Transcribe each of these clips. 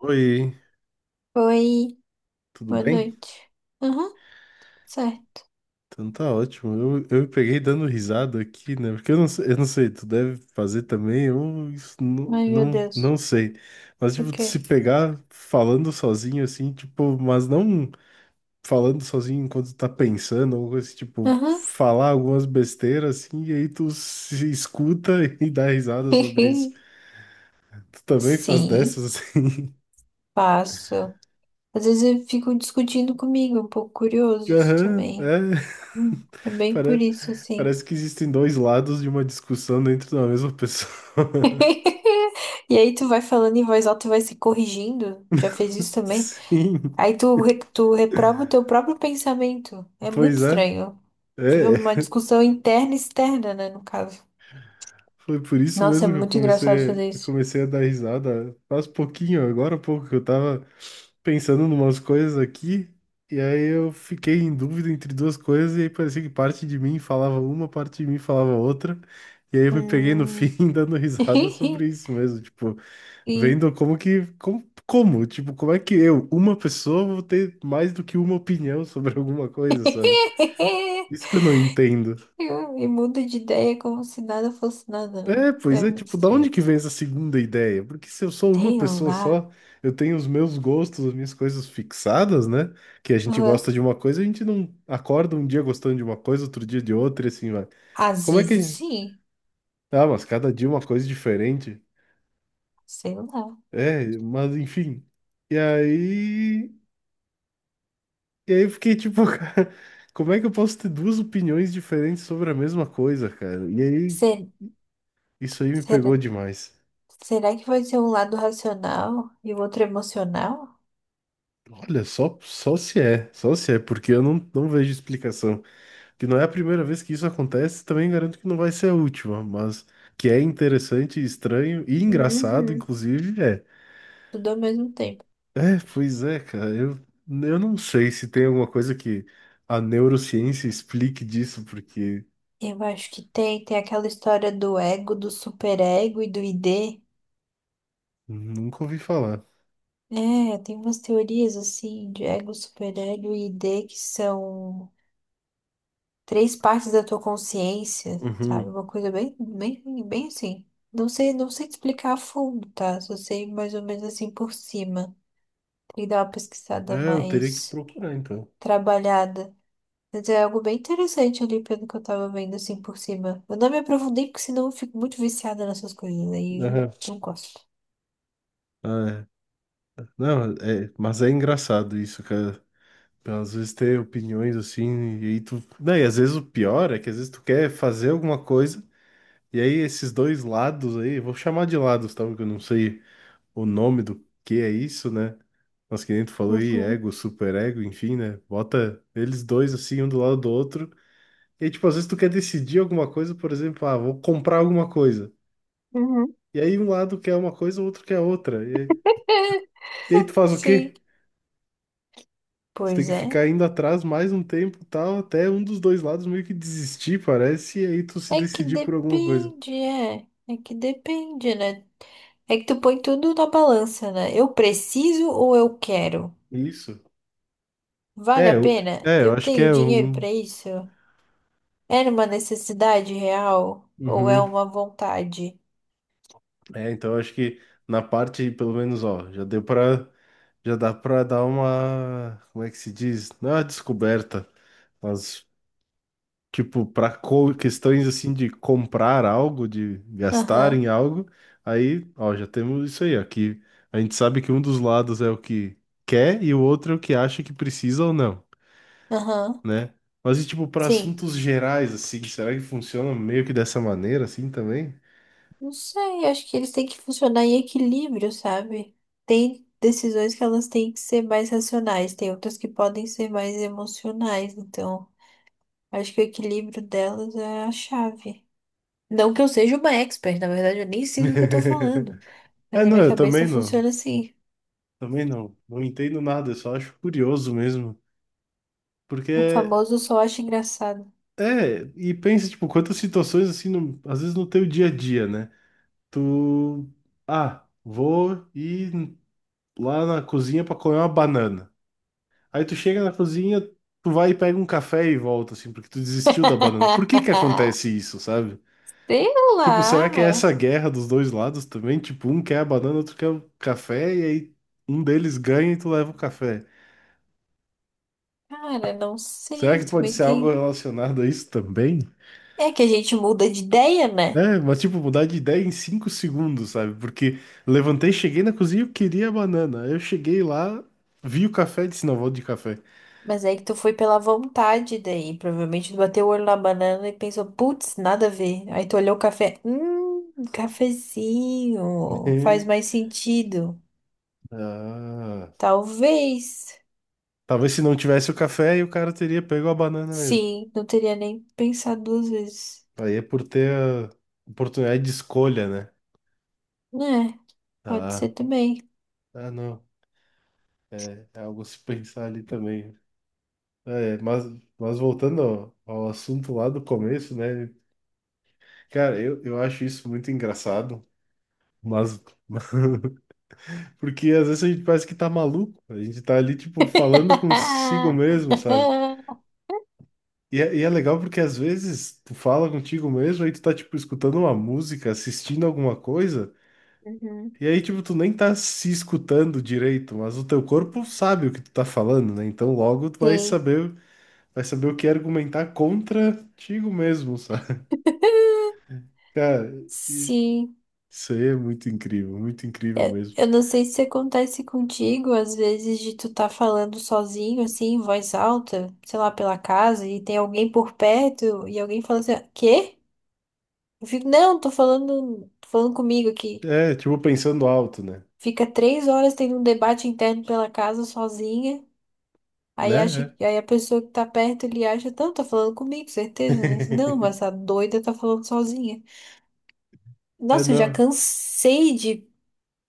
Oi, Oi, tudo boa bem? noite. Aham, certo. Então tá ótimo. Eu me peguei dando risada aqui, né? Porque eu não sei, tu deve fazer também, eu isso Ai, meu Deus. não sei. Mas, O tipo, tu se quê? pegar falando sozinho, assim, tipo, mas não falando sozinho enquanto tá pensando, ou coisa assim, tipo, Aham. falar algumas besteiras, assim, e aí tu se escuta e dá risada sobre isso. Tu também faz Sim, dessas, assim? faço. Às vezes eu fico discutindo comigo, um pouco curioso isso Aham, também. é. É bem por Pare- isso, assim. Parece que existem dois lados de uma discussão dentro da mesma pessoa. E aí tu vai falando em voz alta e vai se corrigindo. Já fez isso também? Sim, Aí tu reprova o teu próprio pensamento. É muito pois é. estranho. Tive É, uma discussão interna e externa, né, no caso. foi por isso Nossa, é mesmo que muito engraçado fazer eu isso. comecei a dar risada faz pouquinho, agora há pouco, que eu tava pensando em umas coisas aqui, e aí eu fiquei em dúvida entre duas coisas, e aí parecia que parte de mim falava uma, parte de mim falava outra, e aí eu me peguei no fim Hum. dando risada sobre isso mesmo, tipo, E, vendo como que. Como, como? Tipo, como é que eu, uma pessoa, vou ter mais do que uma opinião sobre alguma coisa, sabe? Isso que eu não entendo. e muda de ideia como se nada fosse nada, né? É, pois É é, muito tipo, da onde estranho. que vem essa segunda ideia? Porque se eu sou uma Sei pessoa lá. só, eu tenho os meus gostos, as minhas coisas fixadas, né? Que a gente Hã? gosta de uma coisa, a gente não acorda um dia gostando de uma coisa, outro dia de outra, e assim, vai. Às Como é vezes que. sim. Ah, mas cada dia uma coisa diferente. Sei lá. É, mas enfim. E aí. E aí eu fiquei tipo, cara, como é que eu posso ter duas opiniões diferentes sobre a mesma coisa, cara? E aí, Se- isso aí me será, pegou demais. será que vai ser um lado racional e o outro emocional? Olha, só se é, porque eu não, não vejo explicação. Que não é a primeira vez que isso acontece, também garanto que não vai ser a última, mas que é interessante, estranho e engraçado, Uhum. inclusive, é. Tudo ao mesmo tempo. É, pois é, cara, eu não sei se tem alguma coisa que a neurociência explique disso, porque Eu acho que tem. Tem aquela história do ego, do superego e do ID. nunca ouvi falar. É, tem umas teorias assim de ego, superego e ID que são, três partes da tua consciência, sabe? Uhum. Uma coisa bem, bem, bem assim. Não sei, não sei te explicar a fundo, tá? Só sei mais ou menos assim por cima. Tem que dar uma pesquisada É, eu teria que mais procurar, então. trabalhada. Mas é algo bem interessante ali pelo que eu tava vendo assim por cima. Eu não me aprofundei porque senão eu fico muito viciada nessas coisas aí eu Aham. não gosto. Ah, é. Não, é, mas é engraçado isso, cara. Às vezes ter opiniões assim, e aí tu. Não, e às vezes o pior é que às vezes tu quer fazer alguma coisa, e aí esses dois lados aí, vou chamar de lados, tá? Porque eu não sei o nome do que é isso, né? Mas que nem tu falou aí, Uhum, ego, superego, enfim, né? Bota eles dois assim, um do lado do outro. E aí, tipo, às vezes tu quer decidir alguma coisa, por exemplo, ah, vou comprar alguma coisa. uhum. E aí um lado quer uma coisa, o outro quer outra. E aí tu faz o Sim. quê? Tu tem Pois que é. ficar indo atrás mais um tempo, e tal, até um dos dois lados meio que desistir, parece, e aí tu se É que decidir por alguma coisa. depende, é. É que depende, né? É que tu põe tudo na balança, né? Eu preciso ou eu quero? Isso. Vale É, a eu, pena? é, eu Eu acho que tenho é dinheiro um. pra isso? Era uma necessidade real ou é Uhum. uma vontade? É, então eu acho que na parte, pelo menos, ó, já deu pra. Já dá pra dar uma. Como é que se diz? Não é uma descoberta, mas tipo, para questões assim de comprar algo, de gastar Aham, em algo, aí, ó, já temos isso aí, ó, que a gente sabe que um dos lados é o que quer e o outro é o que acha que precisa ou não, aham. né? Mas e tipo, para Sim. assuntos gerais, assim, será que funciona meio que dessa maneira, assim, também? Não sei, acho que eles têm que funcionar em equilíbrio, sabe? Tem decisões que elas têm que ser mais racionais, tem outras que podem ser mais emocionais, então acho que o equilíbrio delas é a chave. Não que eu seja uma expert, na verdade, eu nem sei o que eu tô falando. Mas É, na não, minha eu cabeça funciona assim. também não, não entendo nada, eu só acho curioso mesmo, O porque... famoso só acho engraçado. É, e pensa, tipo, quantas situações, assim, às vezes no teu dia a dia, né? Tu, ah, vou ir lá na cozinha pra comer uma banana. Aí tu chega na cozinha, tu vai e pega um café e volta, assim, porque tu desistiu da banana. Por que que acontece isso, sabe? Sei Tipo, será que é lá. essa guerra dos dois lados também? Tipo, um quer a banana, outro quer o café, e aí um deles ganha e tu leva o café. Cara, não Será sei. que pode Também ser algo tem. relacionado a isso também? É que a gente muda de ideia, né? É, mas tipo, mudar de ideia em 5 segundos, sabe? Porque levantei, cheguei na cozinha, eu queria a banana. Aí eu cheguei lá, vi o café e disse, não, vou de café. Mas aí que tu foi pela vontade daí. Provavelmente tu bateu o olho na banana e pensou, putz, nada a ver. Aí tu olhou o café. Cafezinho. Faz mais sentido. Ah, Talvez. talvez se não tivesse o café, aí o cara teria pego a banana mesmo. Sim, não teria nem pensado duas vezes. Aí é por ter a oportunidade de escolha, né? É, pode Ah, ser também. ah não. É, é algo a se pensar ali também. É, mas voltando ao assunto lá do começo, né? Cara, eu acho isso muito engraçado, mas Porque às vezes a gente parece que tá maluco, a gente tá ali, tipo, falando consigo mesmo, sabe? E é legal porque às vezes tu fala contigo mesmo, aí tu tá, tipo, escutando uma música, assistindo alguma coisa, Uhum. e aí, tipo, tu nem tá se escutando direito, mas o teu corpo sabe o que tu tá falando, né? Então logo Sim. Vai saber o que argumentar contra contigo mesmo, sabe? Cara, e- Sim, isso aí é muito incrível mesmo. eu não sei se acontece contigo, às vezes, de tu tá falando sozinho, assim, em voz alta, sei lá, pela casa, e tem alguém por perto, e alguém fala assim, quê? Eu fico, não, tô falando comigo aqui. É, tipo, pensando alto, né? Fica 3 horas tendo um debate interno pela casa sozinha, aí acha, Né? É. aí a pessoa que tá perto, ele acha, não, tá falando comigo, certeza. Eu falo assim, não, mas essa doida tá falando sozinha. É, Nossa, eu já não. cansei de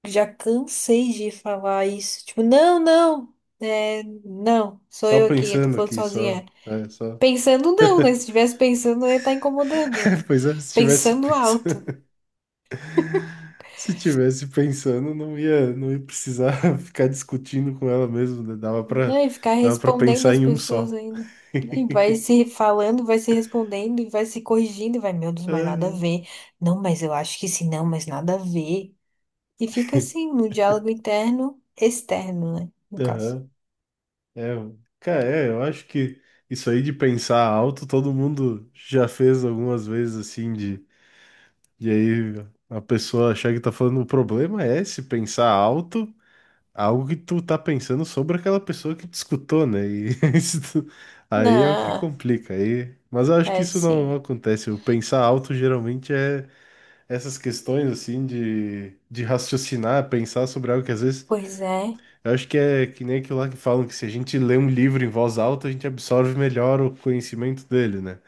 Já cansei de falar isso. Tipo, não, não, é, não, sou Só eu aqui, eu tô pensando falando aqui, só. sozinha. É, só. Pensando não, né? Se estivesse pensando, eu ia estar incomodando, né? Pois é, se tivesse Pensando alto. pensando, se tivesse pensando, não ia precisar ficar discutindo com ela mesmo, né? Não, e ficar Dava pra respondendo pensar as em um pessoas só. ainda. Né, e vai se falando, vai se respondendo, e vai se corrigindo, e vai, meu Deus, mas nada a Ah, ver. Não, mas eu acho que sim, não, mas nada a ver. E fica assim, no diálogo interno, externo, né? No caso. aham. É, mano. Cara, é, eu acho que isso aí de pensar alto, todo mundo já fez algumas vezes assim, de aí a pessoa achar que tá falando, o problema é se pensar alto algo que tu tá pensando sobre aquela pessoa que te escutou, né? E isso tu- aí é o que Não, complica. Aí, mas eu acho que é isso não sim. acontece. O pensar alto geralmente é essas questões assim de raciocinar, pensar sobre algo que às vezes Pois é. eu acho que é que nem aquilo lá que falam que se a gente lê um livro em voz alta, a gente absorve melhor o conhecimento dele, né?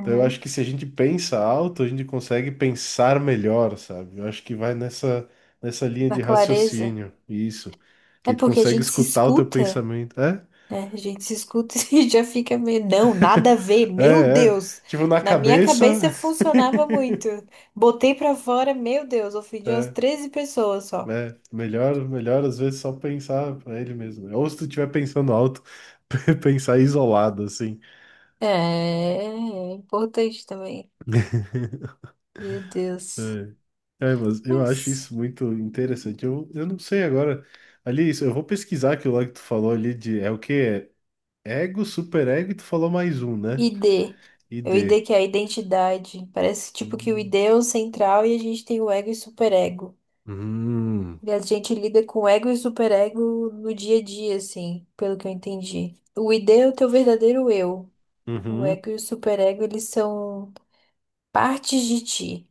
Então eu acho que se a gente pensa alto, a gente consegue pensar melhor, sabe? Eu acho que vai nessa linha Na de clareza. raciocínio, isso. Que É aí tu porque a consegue gente se escutar o teu escuta, pensamento. É, né? A gente se escuta e já fica meio, não, nada a ver, é, meu é. Deus. Tipo, na Na minha cabeça, cabeça funcionava muito. Botei pra fora, meu Deus, ofendi umas é, 13 pessoas só. é. Melhor às vezes só pensar pra ele mesmo. Ou se tu estiver pensando alto, pensar isolado, assim. É, é importante também. Meu Deus. É. É, mas eu acho Mas isso muito interessante. Eu não sei agora. Ali, isso, eu vou pesquisar aquilo lá que tu falou ali de. É o quê? Ego, superego, e tu falou mais um, né? ID. É o ID ID. que é a identidade. Parece tipo que o ID Hum, é o central e a gente tem o ego e superego. hum, E a gente lida com ego e superego no dia a dia, assim, pelo que eu entendi. O ID é o teu verdadeiro eu. O uhum, ego e o superego, eles são partes de ti.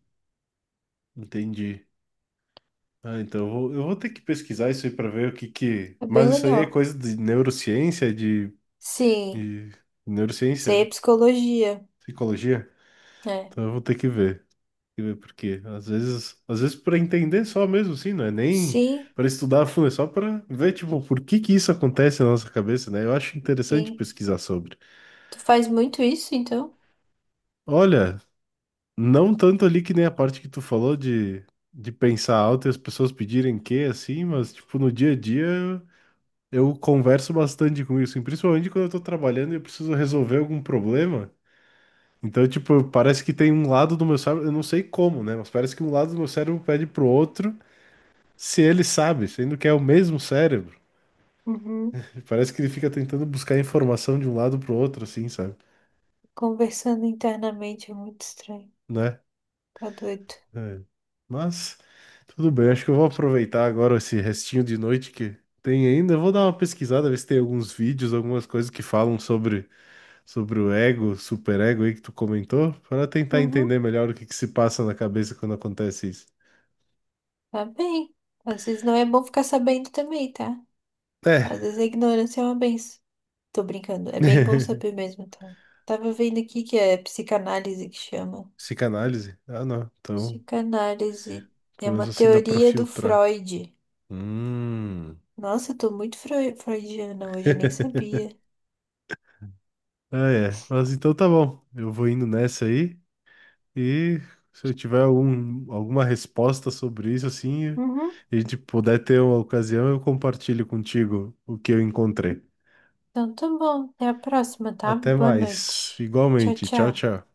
entendi. Ah, então eu vou ter que pesquisar isso aí para ver o que que. É bem Mas isso aí é legal. coisa de neurociência, de, Sim, de isso aí é neurociência, psicologia. psicologia. É. Então eu vou ter que ver. Tem que ver por quê. Às vezes para entender só mesmo, sim, não é nem Sim, para estudar a fundo, é só para ver, tipo, por que que isso acontece na nossa cabeça, né? Eu acho interessante sim. pesquisar sobre. Tu faz muito isso, então? Olha, não tanto ali que nem a parte que tu falou de pensar alto e as pessoas pedirem que, assim, mas, tipo, no dia a dia eu converso bastante com isso, e principalmente quando eu tô trabalhando e eu preciso resolver algum problema. Então, tipo, parece que tem um lado do meu cérebro, eu não sei como, né? Mas parece que um lado do meu cérebro pede pro outro se ele sabe, sendo que é o mesmo cérebro. Uhum. Parece que ele fica tentando buscar informação de um lado pro outro, assim, sabe? Conversando internamente é muito estranho. Né? Tá doido. É. Mas tudo bem, acho que eu vou aproveitar agora esse restinho de noite que tem ainda. Eu vou dar uma pesquisada, ver se tem alguns vídeos, algumas coisas que falam sobre, sobre o ego, superego aí que tu comentou, para tentar entender Uhum. melhor o que que se passa na cabeça quando acontece isso. Tá bem. Às vezes não é bom ficar sabendo também, tá? É, Às vezes a ignorância é uma benção. Tô brincando. É bem bom saber mesmo, tá? Tava vendo aqui que é psicanálise que chama. psicanálise? Ah, não. Então, Psicanálise é pelo uma menos assim dá pra teoria do filtrar. Freud. Hum. Nossa, eu tô muito freudiana hoje, nem sabia. Ah, é. Mas então tá bom. Eu vou indo nessa aí. E se eu tiver alguma resposta sobre isso, assim, Uhum. e a gente puder ter uma ocasião, eu compartilho contigo o que eu encontrei. Então tá bom. Até a próxima, tá? Até Boa mais. noite. Tchau, Igualmente. Tchau, tchau. tchau.